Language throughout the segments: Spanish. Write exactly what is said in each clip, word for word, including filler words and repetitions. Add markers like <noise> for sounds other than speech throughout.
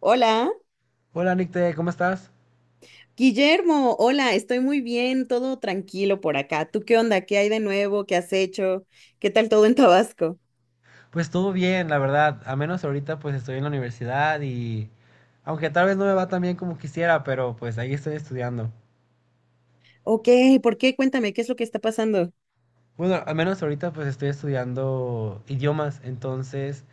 Hola, Hola Nicte, ¿cómo estás? Guillermo, hola, estoy muy bien, todo tranquilo por acá. ¿Tú qué onda? ¿Qué hay de nuevo? ¿Qué has hecho? ¿Qué tal todo en Tabasco? Pues todo bien, la verdad. A menos ahorita pues estoy en la universidad y aunque tal vez no me va tan bien como quisiera, pero pues ahí estoy estudiando. Ok, ¿por qué? Cuéntame, ¿qué es lo que está pasando? Bueno, al menos ahorita pues estoy estudiando idiomas, entonces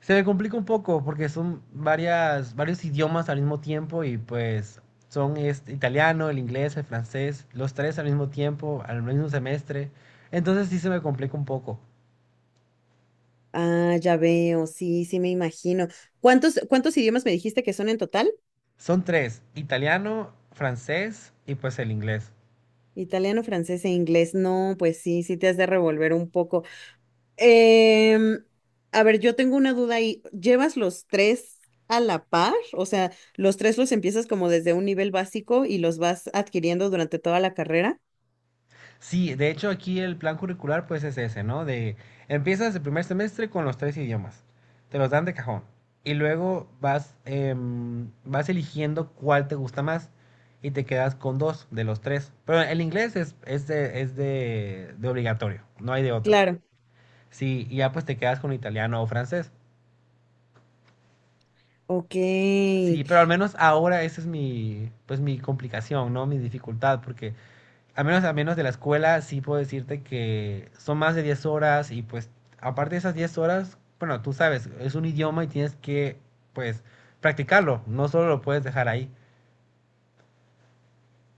se me complica un poco porque son varias varios idiomas al mismo tiempo y pues son este, italiano, el inglés, el francés, los tres al mismo tiempo, al mismo semestre. Entonces sí se me complica un poco. Ah, ya veo, sí, sí me imagino. ¿Cuántos, cuántos idiomas me dijiste que son en total? Son tres, italiano, francés y pues el inglés. Italiano, francés e inglés. No, pues sí, sí te has de revolver un poco. Em, a ver, yo tengo una duda ahí. ¿Llevas los tres a la par? O sea, ¿los tres los empiezas como desde un nivel básico y los vas adquiriendo durante toda la carrera? Sí, de hecho aquí el plan curricular pues es ese, ¿no? De empiezas el primer semestre con los tres idiomas, te los dan de cajón y luego vas, em, vas eligiendo cuál te gusta más y te quedas con dos de los tres. Pero el inglés es, es, de, es de, de obligatorio, no hay de otra. Claro. Sí, y ya pues te quedas con italiano o francés. Ok, Sí, pero al menos ahora esa es mi, pues mi complicación, ¿no? Mi dificultad, porque Al menos, al menos de la escuela, sí puedo decirte que son más de diez horas y pues aparte de esas diez horas, bueno, tú sabes, es un idioma y tienes que pues practicarlo, no solo lo puedes dejar ahí.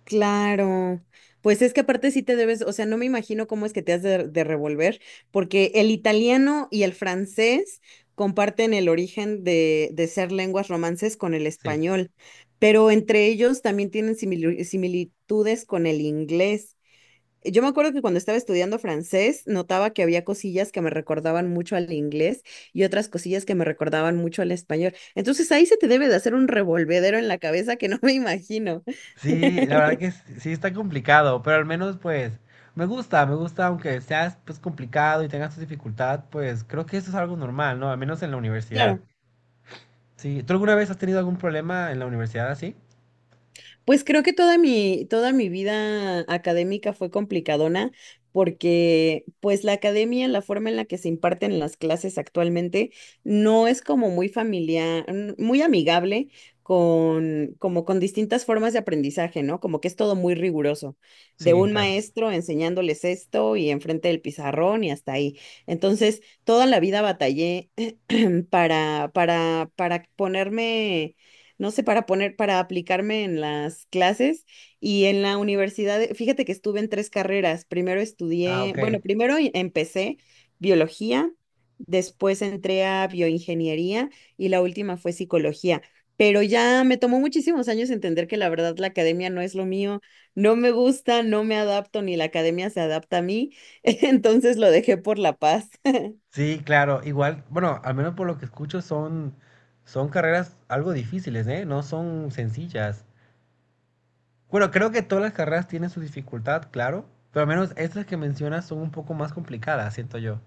claro. Pues es que aparte sí te debes, o sea, no me imagino cómo es que te has de, de revolver, porque el italiano y el francés comparten el origen de, de ser lenguas romances con el Sí. español, pero entre ellos también tienen simili- similitudes con el inglés. Eh, Yo me acuerdo que cuando estaba estudiando francés, notaba que había cosillas que me recordaban mucho al inglés y otras cosillas que me recordaban mucho al español. Entonces ahí se te debe de hacer un revolvedero en la cabeza que no me imagino. Sí, la verdad que s- sí está complicado, pero al menos pues me gusta, me gusta aunque seas pues complicado y tengas tu dificultad, pues creo que eso es algo normal, ¿no? Al menos en la universidad. Claro. Sí, ¿tú alguna vez has tenido algún problema en la universidad así? Pues creo que toda mi, toda mi vida académica fue complicadona porque pues la academia, la forma en la que se imparten las clases actualmente no es como muy familiar, n- muy amigable con, como con distintas formas de aprendizaje, ¿no? Como que es todo muy riguroso, de Sí, un claro. maestro enseñándoles esto y enfrente del pizarrón y hasta ahí. Entonces, toda la vida batallé <clears throat> para, para, para ponerme, no sé, para poner, para aplicarme en las clases y en la universidad, eh, fíjate que estuve en tres carreras. Primero Ah, estudié, ok. bueno, primero em- empecé biología, después entré a bioingeniería y la última fue psicología. Pero ya me tomó muchísimos años entender que la verdad la academia no es lo mío, no me gusta, no me adapto, ni la academia se adapta a mí, <laughs> entonces lo dejé por la paz. Sí, claro, igual, bueno, al menos por lo que escucho son, son carreras algo difíciles, ¿eh? No son sencillas. Bueno, creo que todas las carreras tienen su dificultad, claro, pero al menos estas que mencionas son un poco más complicadas, siento yo.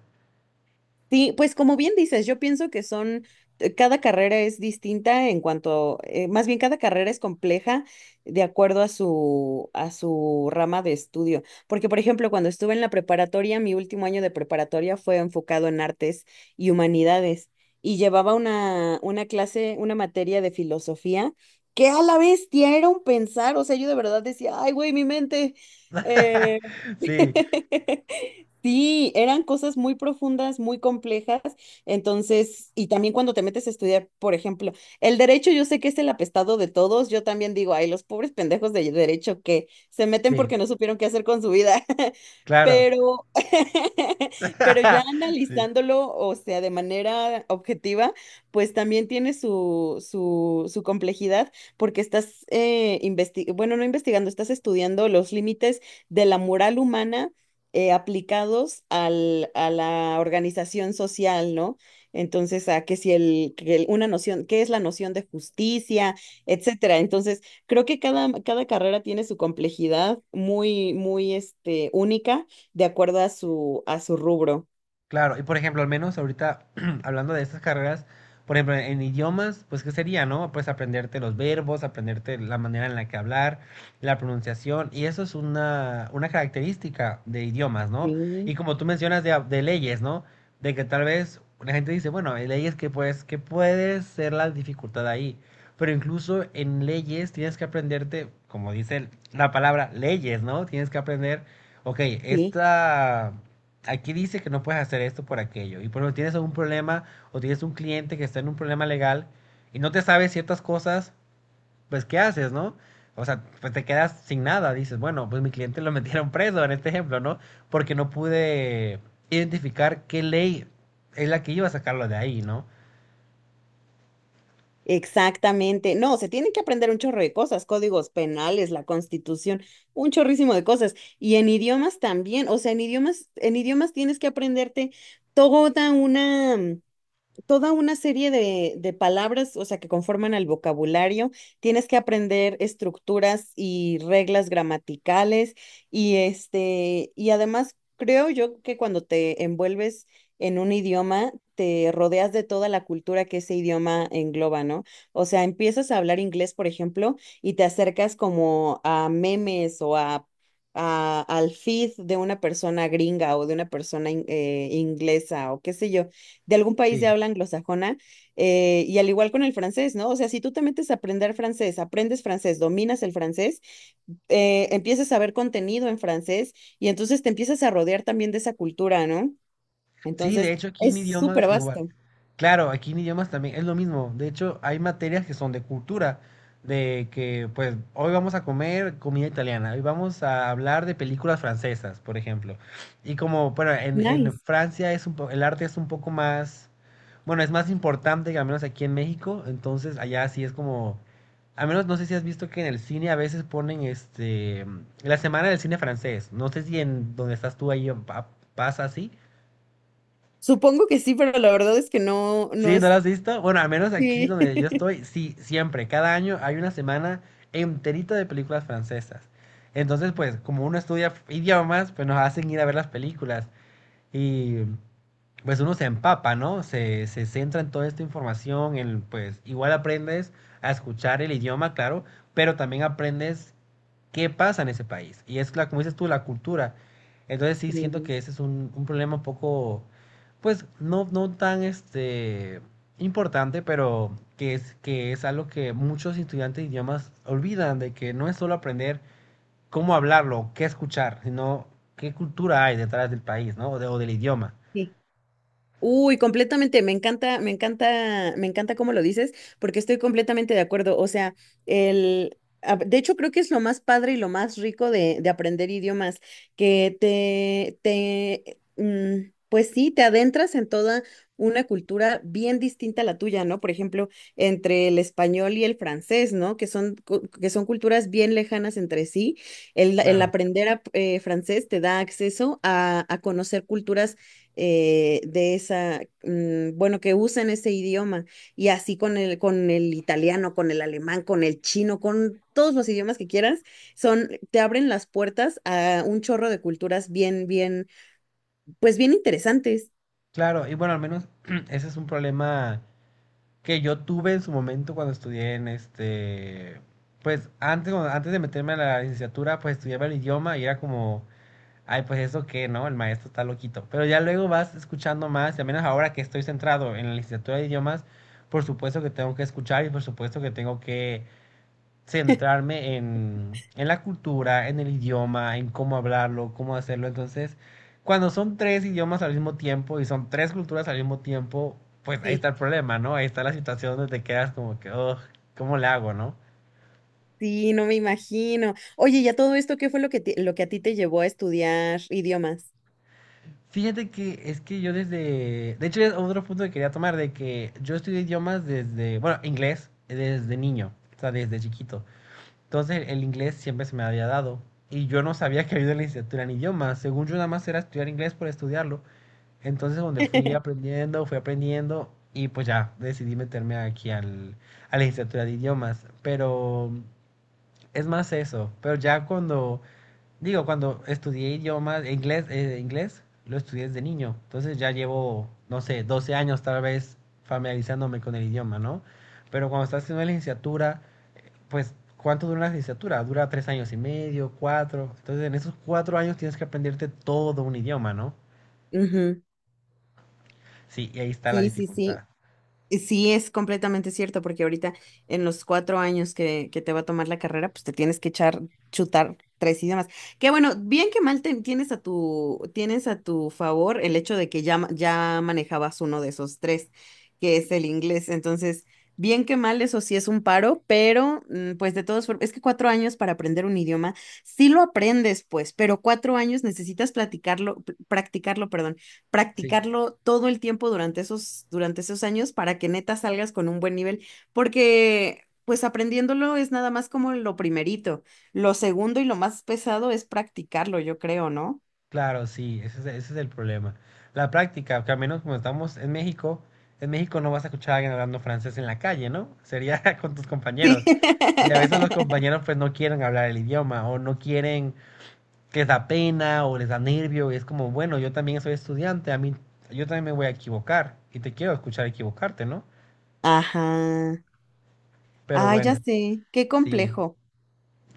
Sí, pues como bien dices, yo pienso que son, eh, cada carrera es distinta en cuanto, eh, más bien cada carrera es compleja de acuerdo a su, a su rama de estudio. Porque, por ejemplo, cuando estuve en la preparatoria, mi último año de preparatoria fue enfocado en artes y humanidades y llevaba una, una clase, una materia de filosofía que a la bestia era un pensar, o sea, yo de verdad decía, ay, güey, mi mente. <laughs> eh, Sí, <laughs> Sí, eran cosas muy profundas, muy complejas. Entonces, y también cuando te metes a estudiar, por ejemplo, el derecho, yo sé que es el apestado de todos. Yo también digo, ay, los pobres pendejos de derecho que se meten sí, porque no supieron qué hacer con su vida. <laughs> claro. Pero, <laughs> pero ya <laughs> Sí. analizándolo, o sea, de manera objetiva, pues también tiene su, su, su complejidad porque estás, eh, investi- bueno, no investigando, estás estudiando los límites de la moral humana eh, aplicados al, a la organización social, ¿no? Entonces, a que si el, que el- una noción, ¿qué es la noción de justicia, etcétera? Entonces, creo que cada, cada carrera tiene su complejidad muy, muy, este, única de acuerdo a su, a su rubro. Claro, y por ejemplo, al menos ahorita <clears throat> hablando de estas carreras, por ejemplo, en idiomas, pues ¿qué sería, no? Pues aprenderte los verbos, aprenderte la manera en la que hablar, la pronunciación, y eso es una, una característica de idiomas, ¿no? Y Sí, como tú mencionas de, de leyes, ¿no? De que tal vez la gente dice, bueno, hay leyes que pues, que puede ser la dificultad ahí, pero incluso en leyes tienes que aprenderte, como dice el- la palabra, leyes, ¿no? Tienes que aprender, ok, sí. esta aquí dice que no puedes hacer esto por aquello. Y por ejemplo, tienes algún problema o tienes un cliente que está en un problema legal y no te sabe ciertas cosas, pues ¿qué haces, no? O sea, pues te quedas sin nada. Dices, bueno, pues mi cliente lo <laughs> metieron preso en este ejemplo, ¿no? Porque no pude identificar qué ley es la que iba a sacarlo de ahí, ¿no? Exactamente. No, se tienen que aprender un chorro de cosas, códigos penales, la constitución, un chorrísimo de cosas. Y en idiomas también, o sea, en idiomas, en idiomas tienes que aprenderte toda una, toda una serie de, de palabras, o sea, que conforman el vocabulario. Tienes que aprender estructuras y reglas gramaticales y este, y además creo yo que cuando te envuelves en un idioma, te rodeas de toda la cultura que ese idioma engloba, ¿no? O sea, empiezas a hablar inglés, por ejemplo, y te acercas como a memes o a a- al feed de una persona gringa o de una persona in- eh, inglesa o qué sé yo de algún país Sí, de habla anglosajona, eh, y al igual con el francés, ¿no? O sea, si tú te metes a aprender francés, aprendes francés, dominas el francés, eh, empiezas a ver contenido en francés y entonces te empiezas a rodear también de esa cultura, ¿no? Sí, de Entonces, hecho aquí en es súper idiomas igual. vasto. Claro, aquí en idiomas también es lo mismo. De hecho, hay materias que son de cultura, de que pues hoy vamos a comer comida italiana, hoy vamos a hablar de películas francesas, por ejemplo. Y como, bueno, en, en Nice. Francia es un po- el arte es un poco más, bueno, es más importante que al menos aquí en México, entonces allá sí es como, al menos no sé si has visto que en el cine a veces ponen este, la semana del cine francés. No sé si en donde estás tú ahí pa- pasa así. Supongo que sí, pero la verdad es que no, no Sí, ¿no lo es... has visto? Bueno, al menos aquí Sí. donde yo <laughs> estoy, sí, siempre, cada año hay una semana enterita de películas francesas. Entonces, pues, como uno estudia idiomas, pues nos hacen ir a ver las películas. Y pues uno se empapa, ¿no? Se, se centra en toda esta información, en, pues igual aprendes a escuchar el idioma, claro, pero también aprendes qué pasa en ese país. Y es, la, como dices tú, la cultura. Entonces sí siento Sí, que ese es un, un problema un poco, pues no, no tan este, importante, pero que es, que es algo que muchos estudiantes de idiomas olvidan, de que no es solo aprender cómo hablarlo, qué escuchar, sino qué cultura hay detrás del país, ¿no? O, de- o del idioma. sí. Uy, completamente, me encanta, me encanta, me encanta cómo lo dices, porque estoy completamente de acuerdo. O sea, el, a- de hecho creo que es lo más padre y lo más rico de, de aprender idiomas, que te, te, mm, pues sí, te adentras en toda una cultura bien distinta a la tuya, ¿no? Por ejemplo, entre el español y el francés, ¿no? Que son, cu- que son culturas bien lejanas entre sí. El, el Claro. aprender a- eh, francés te da acceso a, a conocer culturas eh, de esa, mm, bueno, que usen ese idioma. Y así con el, con el italiano, con el alemán, con el chino, con todos los idiomas que quieras, son, te abren las puertas a un chorro de culturas bien, bien, pues bien interesantes. Claro, y bueno, al menos <clears throat> ese es un problema que yo tuve en su momento cuando estudié en este, pues antes, cuando- antes de meterme a la licenciatura, pues estudiaba el idioma y era como, ay, pues eso qué, ¿no? El maestro está loquito. Pero ya luego vas escuchando más, y al menos ahora que estoy centrado en la licenciatura de idiomas, por supuesto que tengo que escuchar y por supuesto que tengo que centrarme en, en la cultura, en el idioma, en cómo hablarlo, cómo hacerlo. Entonces, cuando son tres idiomas al mismo tiempo y son tres culturas al mismo tiempo, pues ahí Sí, está el problema, ¿no? Ahí está la situación donde te quedas como que, "Ugh, ¿cómo le hago, no? sí, no me imagino. Oye, ¿y a todo esto qué fue lo que, te- lo que a ti te llevó a estudiar idiomas? Fíjate que es que yo desde, de hecho es otro punto que quería tomar, de que yo estudié idiomas desde, bueno, inglés desde niño, o sea, desde chiquito. Entonces el inglés siempre se me había dado y yo no sabía que había una licenciatura en idiomas. Según yo nada más era estudiar inglés por estudiarlo. Entonces, donde fui <laughs> aprendiendo, fui aprendiendo y pues ya decidí meterme aquí al, a la licenciatura de idiomas. Pero es más eso. Pero ya cuando, digo, cuando estudié idiomas, inglés, eh, inglés, lo estudié desde niño. Entonces ya llevo, no sé, doce años tal vez familiarizándome con el idioma, ¿no? Pero cuando estás haciendo la licenciatura, pues, ¿cuánto dura una licenciatura? Dura tres años y medio, cuatro. Entonces, en esos cuatro años tienes que aprenderte todo un idioma, ¿no? Ujú. Sí, y ahí está la Sí, sí, dificultad. sí. Y sí, es completamente cierto, porque ahorita en los cuatro años que, que te va a tomar la carrera, pues te tienes que echar, chutar tres idiomas. Que bueno, bien que mal te- tienes a tu, tienes a tu favor el hecho de que ya, ma- ya manejabas uno de esos tres, que es el inglés. Entonces, bien que mal, eso sí es un paro, pero mm, pues de todos, es que cuatro años para aprender un idioma, sí lo aprendes, pues, pero cuatro años necesitas platicarlo, pr- practicarlo, perdón, Sí, practicarlo todo el tiempo durante esos, durante esos años para que neta salgas con un buen nivel, porque pues aprendiéndolo es nada más como lo primerito. Lo segundo y lo más pesado es practicarlo, yo creo, ¿no? claro, sí, ese es, ese es el problema. La práctica, que al menos como estamos en México, en México no vas a escuchar a alguien hablando francés en la calle, ¿no? Sería <laughs> con tus <laughs> compañeros. Sí. Y a veces los compañeros pues no quieren hablar el idioma o no quieren, que les da pena o les da nervio y es como, bueno, yo también soy estudiante, a mí yo también me voy a equivocar y te quiero escuchar equivocarte, ¿no? Ajá. Pero Ay, ya bueno, sé, qué sí, complejo.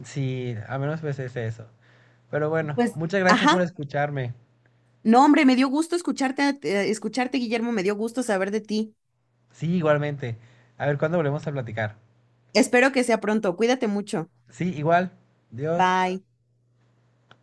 sí, al menos pues es eso. Pero bueno, Pues, muchas gracias ajá. por escucharme. No, hombre, me dio gusto escucharte, eh, escucharte, Guillermo, me dio gusto saber de ti. Sí, igualmente. A ver, ¿cuándo volvemos a platicar? Espero que sea pronto. Cuídate mucho. Sí, igual. Dios. Bye.